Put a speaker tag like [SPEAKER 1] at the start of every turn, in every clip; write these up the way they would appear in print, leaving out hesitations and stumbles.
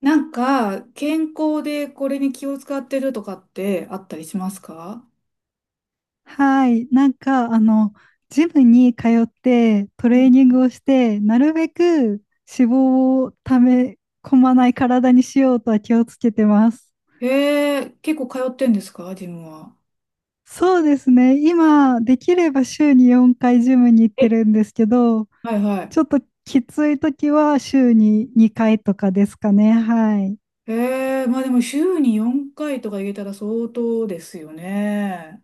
[SPEAKER 1] なんか、健康でこれに気を使ってるとかってあったりしますか？
[SPEAKER 2] はい。ジムに通ってト
[SPEAKER 1] うん。
[SPEAKER 2] レーニングをして、なるべく脂肪をため込まない体にしようとは気をつけてます。
[SPEAKER 1] へえ、結構通ってんですかジムは？
[SPEAKER 2] そうですね。今、できれば週に4回ジムに行っ
[SPEAKER 1] え、
[SPEAKER 2] てるんですけど、
[SPEAKER 1] はいはい。
[SPEAKER 2] ちょっときつい時は週に2回とかですかね。はい。
[SPEAKER 1] へえ、まあでも週に4回とか入れたら相当ですよね。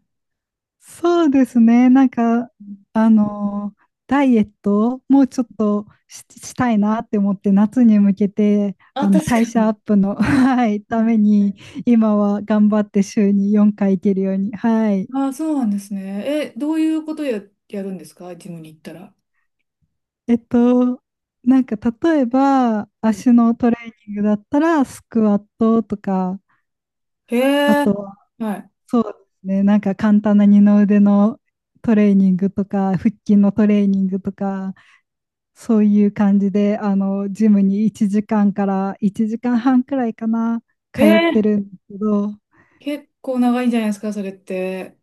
[SPEAKER 2] そうですね。あのーダイエットをもうちょっとし、したいなって思って、夏に向けて、
[SPEAKER 1] あ、確か
[SPEAKER 2] 代謝ア
[SPEAKER 1] に。
[SPEAKER 2] ップの、はい、た
[SPEAKER 1] ね。
[SPEAKER 2] めに、今は頑張って週に4回行けるように。はい。
[SPEAKER 1] ああ、そうなんですね。え、どういうことやるんですかジムに行ったら？
[SPEAKER 2] えっと、なんか、例えば、
[SPEAKER 1] うん。
[SPEAKER 2] 足のトレーニングだったら、スクワットとか、
[SPEAKER 1] へ
[SPEAKER 2] あ
[SPEAKER 1] え。
[SPEAKER 2] とは、
[SPEAKER 1] はい。
[SPEAKER 2] そうですね。なんか、簡単な二の腕のトレーニングとか、腹筋のトレーニングとか、そういう感じで、ジムに1時間から1時間半くらいかな、
[SPEAKER 1] へ
[SPEAKER 2] 通って
[SPEAKER 1] え、
[SPEAKER 2] るんですけど、
[SPEAKER 1] 結構長いんじゃないですかそれって？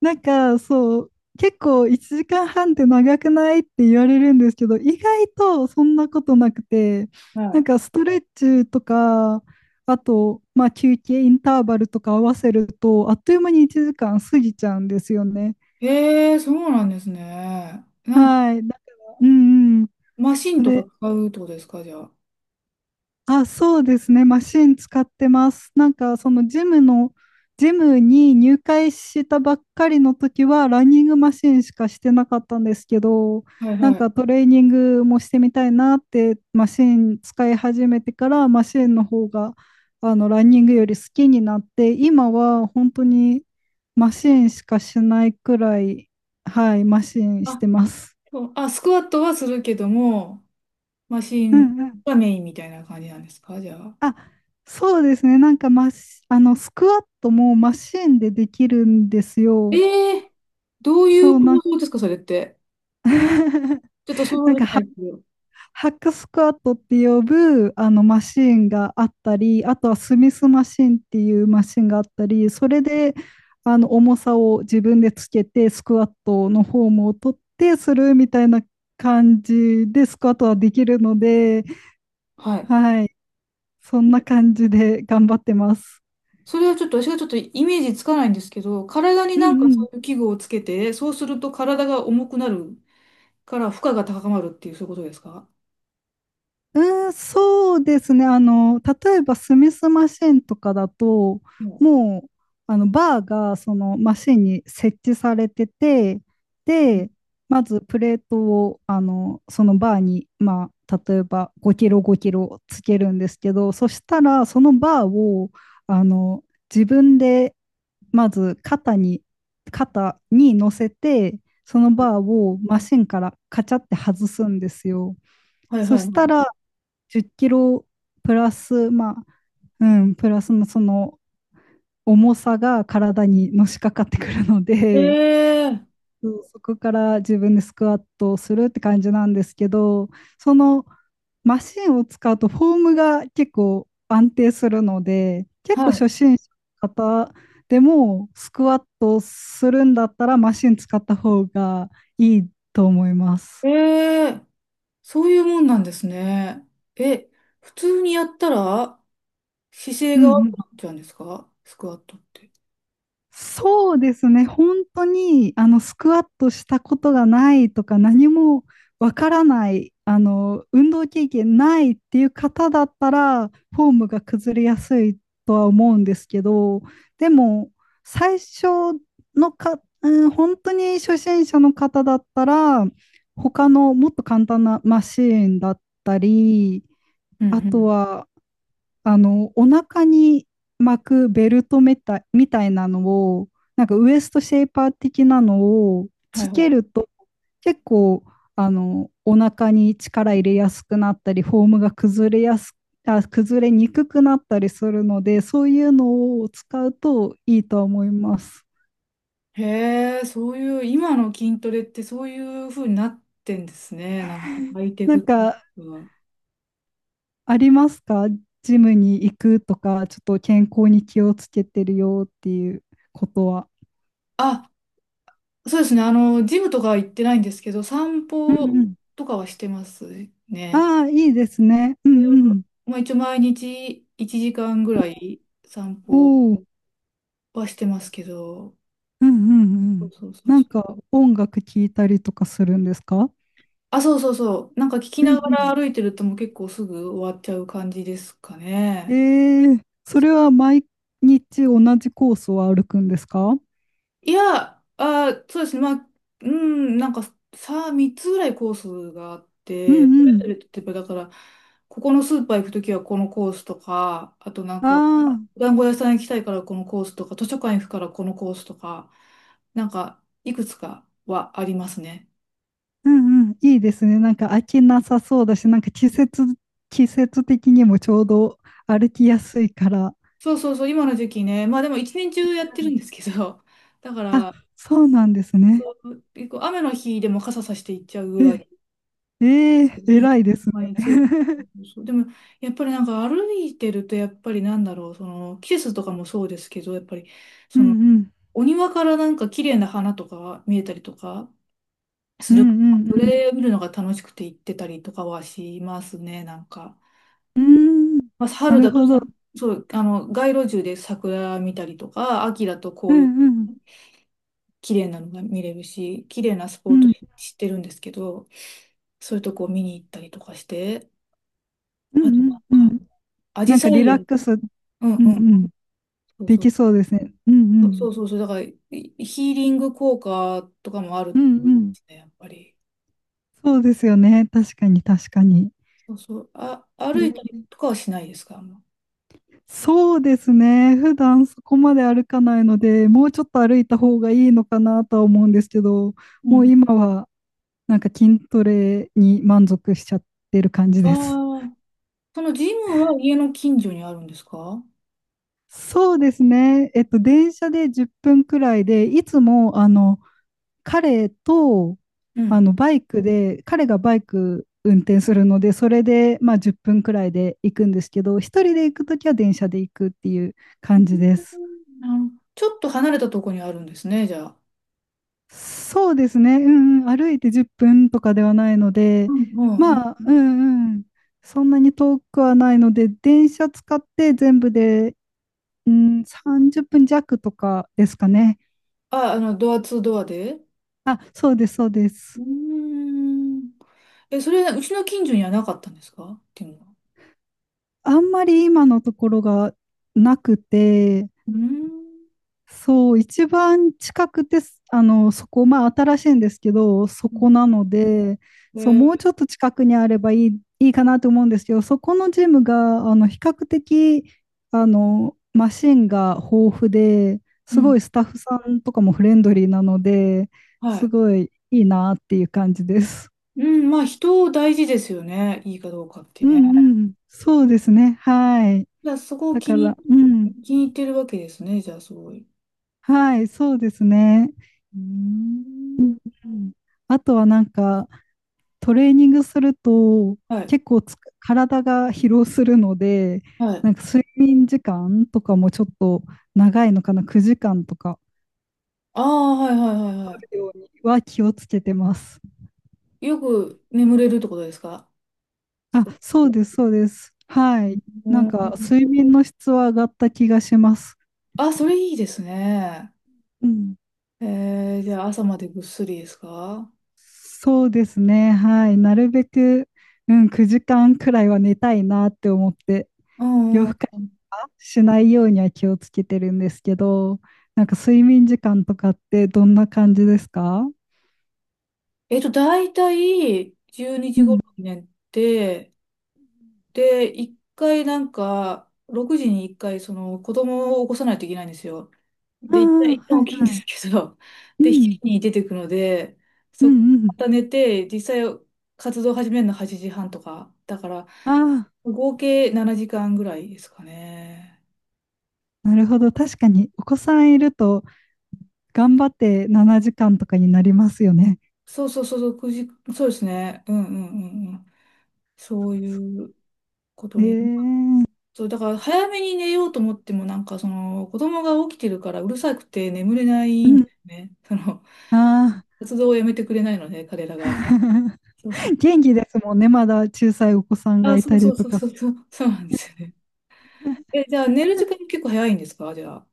[SPEAKER 2] なんかそう、結構1時間半って長くないって言われるんですけど、意外とそんなことなくて、
[SPEAKER 1] は
[SPEAKER 2] なん
[SPEAKER 1] い。
[SPEAKER 2] かストレッチとか、あと、まあ、休憩インターバルとか合わせると、あっという間に1時間過ぎちゃうんですよね。
[SPEAKER 1] へえ、そうなんですね。なんか、
[SPEAKER 2] はい。だから、うんうん。
[SPEAKER 1] マシン
[SPEAKER 2] そ
[SPEAKER 1] とか
[SPEAKER 2] れ
[SPEAKER 1] 使うってことですか、じゃあ？
[SPEAKER 2] そうですね。マシン使ってます。なんか、ジムに入会したばっかりの時は、ランニングマシンしかしてなかったんですけど、
[SPEAKER 1] はい
[SPEAKER 2] なん
[SPEAKER 1] はい。
[SPEAKER 2] かトレーニングもしてみたいなって、マシン使い始めてから、マシンの方が、ランニングより好きになって、今は本当にマシンしかしないくらい、はい、マシンし
[SPEAKER 1] あ、
[SPEAKER 2] てます。
[SPEAKER 1] そう、あ、スクワットはするけども、マシ
[SPEAKER 2] う
[SPEAKER 1] ン
[SPEAKER 2] んうん。
[SPEAKER 1] がメインみたいな感じなんですか、じゃあ？
[SPEAKER 2] あ、そうですね。なんかマシ、あの、スクワットもマシンでできるんですよ。
[SPEAKER 1] ええ、どういう
[SPEAKER 2] そう、な
[SPEAKER 1] 構
[SPEAKER 2] ん
[SPEAKER 1] 造ですか、それって？ちょっと想像
[SPEAKER 2] なん
[SPEAKER 1] で
[SPEAKER 2] か
[SPEAKER 1] きな
[SPEAKER 2] ハ、
[SPEAKER 1] いですけど。
[SPEAKER 2] ハックスクワットって呼ぶあのマシンがあったり、あとはスミスマシンっていうマシンがあったり、それで重さを自分でつけて、スクワットのフォームを取ってするみたいな感じでスクワットはできるので、
[SPEAKER 1] はい。
[SPEAKER 2] はい、そんな感じで頑張ってます。
[SPEAKER 1] それはちょっと、私がちょっとイメージつかないんですけど、体に
[SPEAKER 2] うん
[SPEAKER 1] なんか
[SPEAKER 2] うん。
[SPEAKER 1] そういう器具をつけて、そうすると体が重くなるから負荷が高まるっていう、そういうことですか？
[SPEAKER 2] そうですね。あの、例えばスミスマシンとかだと、
[SPEAKER 1] うん。
[SPEAKER 2] もう、バーがそのマシンに設置されてて、で、まずプレートを、そのバーに、まあ、例えば5キロ5キロつけるんですけど、そしたら、そのバーを、あの、自分で、まず肩に、肩に乗せて、そのバーをマシンからカチャって外すんですよ。
[SPEAKER 1] はい
[SPEAKER 2] そ
[SPEAKER 1] はい
[SPEAKER 2] し
[SPEAKER 1] は
[SPEAKER 2] た
[SPEAKER 1] い。
[SPEAKER 2] ら、10キロプラス、まあ、うん、プラスのその重さが体にのしかかってくるの
[SPEAKER 1] え
[SPEAKER 2] で、
[SPEAKER 1] え、
[SPEAKER 2] そこから自分でスクワットをするって感じなんですけど、そのマシンを使うとフォームが結構安定するので、結構
[SPEAKER 1] はい。
[SPEAKER 2] 初心者の方でもスクワットするんだったらマシン使った方がいいと思います。
[SPEAKER 1] ええ、そういうもんなんですね。え、普通にやったら姿
[SPEAKER 2] う
[SPEAKER 1] 勢
[SPEAKER 2] ん
[SPEAKER 1] が
[SPEAKER 2] う
[SPEAKER 1] 悪
[SPEAKER 2] ん。
[SPEAKER 1] くなっちゃうんですかスクワットって？
[SPEAKER 2] そうですね。本当に、スクワットしたことがないとか、何もわからない、運動経験ないっていう方だったら、フォームが崩れやすいとは思うんですけど、でも、最初のか、うん、本当に初心者の方だったら、他のもっと簡単なマシーンだったり、
[SPEAKER 1] うんう
[SPEAKER 2] あと
[SPEAKER 1] ん。
[SPEAKER 2] は、お腹に巻くベルトみたい、みたいなのを、なんかウエストシェイパー的なのを
[SPEAKER 1] は
[SPEAKER 2] つ
[SPEAKER 1] いは
[SPEAKER 2] け
[SPEAKER 1] い。
[SPEAKER 2] ると、結構、お腹に力入れやすくなったり、フォームが崩れやす、あ、崩れにくくなったりするので、そういうのを使うといいとは思います。
[SPEAKER 1] へえ、そういう、今の筋トレってそういう風になってんですね。なんかハイテ
[SPEAKER 2] な
[SPEAKER 1] クっ
[SPEAKER 2] ん
[SPEAKER 1] てい
[SPEAKER 2] か、
[SPEAKER 1] うか。
[SPEAKER 2] ありますか？ジムに行くとか、ちょっと健康に気をつけてるよっていうことは。
[SPEAKER 1] あ、そうですね。ジムとかは行ってないんですけど、散
[SPEAKER 2] うん
[SPEAKER 1] 歩
[SPEAKER 2] うん。
[SPEAKER 1] とかはしてますね。
[SPEAKER 2] ああ、いいですね。うん
[SPEAKER 1] いや
[SPEAKER 2] うん。
[SPEAKER 1] まあ、一応毎日1時間ぐらい散
[SPEAKER 2] お
[SPEAKER 1] 歩
[SPEAKER 2] お、
[SPEAKER 1] はしてますけど。
[SPEAKER 2] うんうんう
[SPEAKER 1] そう
[SPEAKER 2] ん。
[SPEAKER 1] そうそう。
[SPEAKER 2] なんか音楽聴いたりとかするんですか？
[SPEAKER 1] あ、そうそうそう。なんか聞き
[SPEAKER 2] うん
[SPEAKER 1] なが
[SPEAKER 2] うん。
[SPEAKER 1] ら歩いてるともう結構すぐ終わっちゃう感じですか
[SPEAKER 2] え
[SPEAKER 1] ね。
[SPEAKER 2] それは毎日同じコースを歩くんですか？
[SPEAKER 1] いや、あ、そうですね。まあ、うん、なんかさ、3つぐらいコースがあっ
[SPEAKER 2] うん
[SPEAKER 1] て、そ
[SPEAKER 2] うん。
[SPEAKER 1] れぞれ例えばだから、ここのスーパー行くときはこのコースとか、あとなん
[SPEAKER 2] あ
[SPEAKER 1] か、
[SPEAKER 2] あ、
[SPEAKER 1] お団子屋さん行きたいからこのコースとか、図書館行くからこのコースとか、なんか、いくつかはありますね。
[SPEAKER 2] うんうん。いいですね。なんか飽きなさそうだし、季節的にもちょうど歩きやすいから。
[SPEAKER 1] そうそうそう、今の時期ね。まあでも一年中やってるんですけど、だか
[SPEAKER 2] あ、
[SPEAKER 1] ら、
[SPEAKER 2] そうなんですね。
[SPEAKER 1] 結構雨の日でも傘さして行っちゃうぐ
[SPEAKER 2] え、
[SPEAKER 1] らい、
[SPEAKER 2] 偉いですね。
[SPEAKER 1] 毎日、そうそ うそう、でも、やっぱりなんか歩いてると、やっぱりなんだろう、その季節とかもそうですけど、やっぱり
[SPEAKER 2] う
[SPEAKER 1] そ
[SPEAKER 2] ん
[SPEAKER 1] の
[SPEAKER 2] うん。
[SPEAKER 1] お庭からなんか綺麗な花とか見えたりとか
[SPEAKER 2] う
[SPEAKER 1] するから、
[SPEAKER 2] ん
[SPEAKER 1] そ
[SPEAKER 2] うん
[SPEAKER 1] れ見るのが楽しくて行ってたりとかはしますね、なんか。
[SPEAKER 2] うん。うーん。
[SPEAKER 1] まあ、
[SPEAKER 2] な
[SPEAKER 1] 春
[SPEAKER 2] る
[SPEAKER 1] だと
[SPEAKER 2] ほど。
[SPEAKER 1] さ、そう、あの街路樹で桜見たりとか、秋だと
[SPEAKER 2] う
[SPEAKER 1] 紅
[SPEAKER 2] ん
[SPEAKER 1] 葉。
[SPEAKER 2] うん。
[SPEAKER 1] 綺麗なのが見れるし、綺麗なス
[SPEAKER 2] う
[SPEAKER 1] ポット
[SPEAKER 2] ん
[SPEAKER 1] 知ってるんですけど、そういうとこを見に行ったりとかして、
[SPEAKER 2] う
[SPEAKER 1] あとなん
[SPEAKER 2] んうん
[SPEAKER 1] か、
[SPEAKER 2] うん。
[SPEAKER 1] アジ
[SPEAKER 2] なん
[SPEAKER 1] サ
[SPEAKER 2] かリ
[SPEAKER 1] イ
[SPEAKER 2] ラッ
[SPEAKER 1] 園。
[SPEAKER 2] クス、うん
[SPEAKER 1] うん
[SPEAKER 2] う
[SPEAKER 1] うん。
[SPEAKER 2] ん、
[SPEAKER 1] そう
[SPEAKER 2] で
[SPEAKER 1] そう。
[SPEAKER 2] きそうですね。うんう
[SPEAKER 1] そうそ
[SPEAKER 2] ん。
[SPEAKER 1] うそうそう、だからいヒーリング効果とかもあるん
[SPEAKER 2] う
[SPEAKER 1] で
[SPEAKER 2] んうん。
[SPEAKER 1] すね、やっぱり。
[SPEAKER 2] そうですよね。確かに確かに。
[SPEAKER 1] そうそう、あ、歩いたり
[SPEAKER 2] え、
[SPEAKER 1] とかはしないですか、あんま？
[SPEAKER 2] そうですね。普段そこまで歩かないので、もうちょっと歩いた方がいいのかなとは思うんですけど、
[SPEAKER 1] う
[SPEAKER 2] もう
[SPEAKER 1] ん。
[SPEAKER 2] 今はなんか筋トレに満足しちゃってる感じ
[SPEAKER 1] あ
[SPEAKER 2] です。
[SPEAKER 1] あ、そのジムは家の近所にあるんですか？
[SPEAKER 2] そうですね。電車で10分くらいで、いつも彼と、
[SPEAKER 1] うん。
[SPEAKER 2] バイクで、彼がバイク運転するので、それで、まあ、10分くらいで行くんですけど、一人で行くときは電車で行くっていう
[SPEAKER 1] う
[SPEAKER 2] 感じで
[SPEAKER 1] ん、
[SPEAKER 2] す。
[SPEAKER 1] なるほど。ちょっと離れたとこにあるんですね、じゃあ？
[SPEAKER 2] そうですね。うんうん、歩いて10分とかではないの
[SPEAKER 1] う
[SPEAKER 2] で、
[SPEAKER 1] ん。う
[SPEAKER 2] ま
[SPEAKER 1] ん、
[SPEAKER 2] あ、うんうん、そんなに遠くはないので、電車使って全部で、うん、30分弱とかですかね。
[SPEAKER 1] あ、ドアツードアで？
[SPEAKER 2] あ、そうです、そうで
[SPEAKER 1] う
[SPEAKER 2] す。
[SPEAKER 1] ーん。え、それ、うちの近所にはなかったんですかっていうのは？
[SPEAKER 2] あんまり今のところがなくて、
[SPEAKER 1] うーん。
[SPEAKER 2] そう、一番近くて、すあの、そこ、まあ新しいんですけど、そこなので、
[SPEAKER 1] え
[SPEAKER 2] そう、もう
[SPEAKER 1] ー。
[SPEAKER 2] ちょっと近くにあればいい、いいかなと思うんですけど、そこのジムが、比較的、マシンが豊富で、
[SPEAKER 1] う
[SPEAKER 2] す
[SPEAKER 1] ん。
[SPEAKER 2] ごいスタッフさんとかもフレンドリーなので、
[SPEAKER 1] は
[SPEAKER 2] す
[SPEAKER 1] い。
[SPEAKER 2] ごいいいなっていう感じです。
[SPEAKER 1] うん、まあ人大事ですよね。いいかどうかって
[SPEAKER 2] う
[SPEAKER 1] ね。
[SPEAKER 2] んうん、そうですね。はい。
[SPEAKER 1] じゃあそこを
[SPEAKER 2] だ
[SPEAKER 1] 気
[SPEAKER 2] から、
[SPEAKER 1] に、
[SPEAKER 2] うん、
[SPEAKER 1] 気に入ってるわけですね。じゃあすごい。
[SPEAKER 2] はい、そうですね。
[SPEAKER 1] うー
[SPEAKER 2] う
[SPEAKER 1] ん。
[SPEAKER 2] んうん、あとはなんか、トレーニングすると
[SPEAKER 1] はい。
[SPEAKER 2] 結構体が疲労するので、
[SPEAKER 1] はい。
[SPEAKER 2] なんか睡眠時間とかもちょっと長いのかな、9時間とか
[SPEAKER 1] ああ、はいはいはいは
[SPEAKER 2] ようには気をつけてます。
[SPEAKER 1] い。よく眠れるってことですか？
[SPEAKER 2] あ、そうです、そうです。はい。
[SPEAKER 1] う
[SPEAKER 2] なん
[SPEAKER 1] ん。
[SPEAKER 2] か睡眠の質は上がった気がします。
[SPEAKER 1] あ、それいいですね。
[SPEAKER 2] うん。
[SPEAKER 1] えー、じゃあ朝までぐっすりですか？
[SPEAKER 2] そうですね。はい。なるべく、うん、9時間くらいは寝たいなって思って
[SPEAKER 1] うん。
[SPEAKER 2] 夜更かしはしないようには気をつけてるんですけど、なんか睡眠時間とかってどんな感じですか？
[SPEAKER 1] 大体12時
[SPEAKER 2] うん。
[SPEAKER 1] 頃に寝て、で、一回なんか、6時に一回、その、子供を起こさないといけないんですよ。
[SPEAKER 2] あ
[SPEAKER 1] で、一旦、
[SPEAKER 2] あ、
[SPEAKER 1] 一
[SPEAKER 2] は
[SPEAKER 1] 旦
[SPEAKER 2] い
[SPEAKER 1] 起きるんで
[SPEAKER 2] は
[SPEAKER 1] すけど、
[SPEAKER 2] い。う
[SPEAKER 1] で、日
[SPEAKER 2] ん。
[SPEAKER 1] 時に出てくので、
[SPEAKER 2] う
[SPEAKER 1] そこか
[SPEAKER 2] んう
[SPEAKER 1] らま
[SPEAKER 2] ん。
[SPEAKER 1] た寝て、実際活動始めるの8時半とか、だから、
[SPEAKER 2] あ
[SPEAKER 1] 合計7時間ぐらいですかね。
[SPEAKER 2] あ、なるほど。確かにお子さんいると頑張って7時間とかになりますよね。
[SPEAKER 1] そうそうそうそう、9時、そうですね。うんうんうんうん。そういうこと
[SPEAKER 2] ええ
[SPEAKER 1] に。
[SPEAKER 2] ー。
[SPEAKER 1] そう、だから早めに寝ようと思っても、なんかその子供が起きてるからうるさくて眠れな
[SPEAKER 2] う
[SPEAKER 1] いんで
[SPEAKER 2] ん。
[SPEAKER 1] すね。その
[SPEAKER 2] ああ。
[SPEAKER 1] 活動をやめてくれないので、彼らが。そうそう。
[SPEAKER 2] 元気ですもんね。まだ小さいお子さんが
[SPEAKER 1] あ、
[SPEAKER 2] い
[SPEAKER 1] そ
[SPEAKER 2] た
[SPEAKER 1] うそ
[SPEAKER 2] り
[SPEAKER 1] う
[SPEAKER 2] と
[SPEAKER 1] そう
[SPEAKER 2] か。
[SPEAKER 1] そうそう、そうなんですよね。え、じゃあ寝る時間結構早いんですかじゃあ？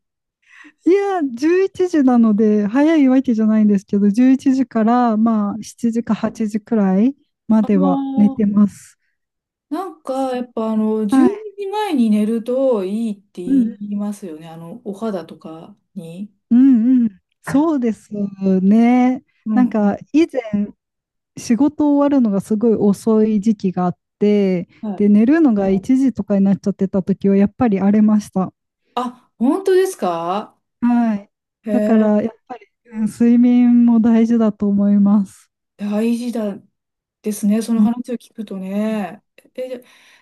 [SPEAKER 2] いや、11時なので、早いわけじゃないんですけど、11時から、ま
[SPEAKER 1] うん。
[SPEAKER 2] あ、7時か8時くらいま
[SPEAKER 1] あ
[SPEAKER 2] では寝
[SPEAKER 1] のー
[SPEAKER 2] てます。
[SPEAKER 1] なんかやっぱ
[SPEAKER 2] は
[SPEAKER 1] 12
[SPEAKER 2] い。
[SPEAKER 1] 時前にじまえに寝るといいって
[SPEAKER 2] う
[SPEAKER 1] 言
[SPEAKER 2] ん、
[SPEAKER 1] いますよね。お肌とかに。
[SPEAKER 2] うん、うん。そうですね。
[SPEAKER 1] う
[SPEAKER 2] なん
[SPEAKER 1] んうん。
[SPEAKER 2] か、以前、仕事終わるのがすごい遅い時期があって、
[SPEAKER 1] は
[SPEAKER 2] で、
[SPEAKER 1] い。
[SPEAKER 2] 寝るのが1時とかになっちゃってた時は、やっぱり荒れました。
[SPEAKER 1] あ、本当ですか？
[SPEAKER 2] はい。
[SPEAKER 1] へ
[SPEAKER 2] だか
[SPEAKER 1] え。
[SPEAKER 2] ら、やっぱり、うん睡眠も大事だと思います。
[SPEAKER 1] 大事だ。ですね、その
[SPEAKER 2] うん。
[SPEAKER 1] 話を聞くとね。え、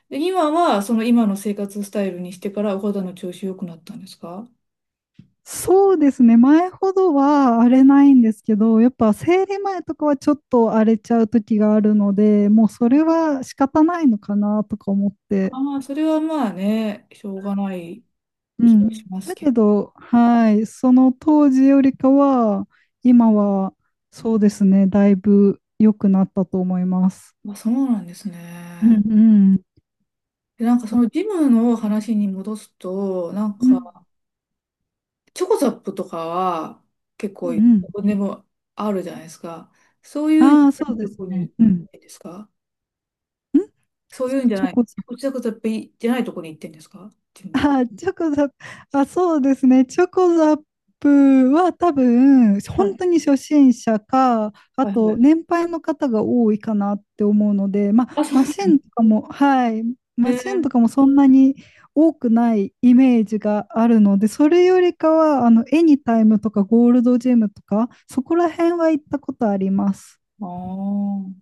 [SPEAKER 1] で、今は今の生活スタイルにしてからお肌の調子良くなったんですか？
[SPEAKER 2] そうですね。前ほどは荒れないんですけど、やっぱ生理前とかはちょっと荒れちゃう時があるので、もうそれは仕方ないのかなとか思って。
[SPEAKER 1] ああ、それはまあね、しょうがない
[SPEAKER 2] う
[SPEAKER 1] 気が
[SPEAKER 2] ん。
[SPEAKER 1] します
[SPEAKER 2] だ
[SPEAKER 1] け
[SPEAKER 2] け
[SPEAKER 1] ど。
[SPEAKER 2] ど、はい。その当時よりかは、今はそうですね。だいぶ良くなったと思います。
[SPEAKER 1] まあそうなんです
[SPEAKER 2] うんう
[SPEAKER 1] ね。
[SPEAKER 2] ん。
[SPEAKER 1] で、なんか
[SPEAKER 2] あ、
[SPEAKER 1] そのジム
[SPEAKER 2] う
[SPEAKER 1] の話に戻すと、なん
[SPEAKER 2] ん
[SPEAKER 1] かチョコザップとかは結
[SPEAKER 2] う
[SPEAKER 1] 構
[SPEAKER 2] ん
[SPEAKER 1] ど
[SPEAKER 2] うん。
[SPEAKER 1] こでもあるじゃないですか。そういう
[SPEAKER 2] ああ、そうで
[SPEAKER 1] と
[SPEAKER 2] す
[SPEAKER 1] こに
[SPEAKER 2] ね。
[SPEAKER 1] 行っ
[SPEAKER 2] うん。ん
[SPEAKER 1] てんですか？そういうんじゃ
[SPEAKER 2] チョ
[SPEAKER 1] ない、
[SPEAKER 2] コ
[SPEAKER 1] チョコザップじゃないとこに行ってんですかジム？
[SPEAKER 2] あ、チョコザップ、あ、そうですね。チョコザップは多分、
[SPEAKER 1] は
[SPEAKER 2] 本
[SPEAKER 1] い。
[SPEAKER 2] 当に初心者か、あ
[SPEAKER 1] はいは
[SPEAKER 2] と、
[SPEAKER 1] い。
[SPEAKER 2] 年配の方が多いかなって思うので、ま
[SPEAKER 1] あ、
[SPEAKER 2] あ、
[SPEAKER 1] そう。
[SPEAKER 2] マシンとかも、はい、マシンと
[SPEAKER 1] え
[SPEAKER 2] かもそんなに多くないイメージがあるので、それよりかは、エニタイムとかゴールドジムとか、そこら辺は行ったことあります。
[SPEAKER 1] ー、ああ。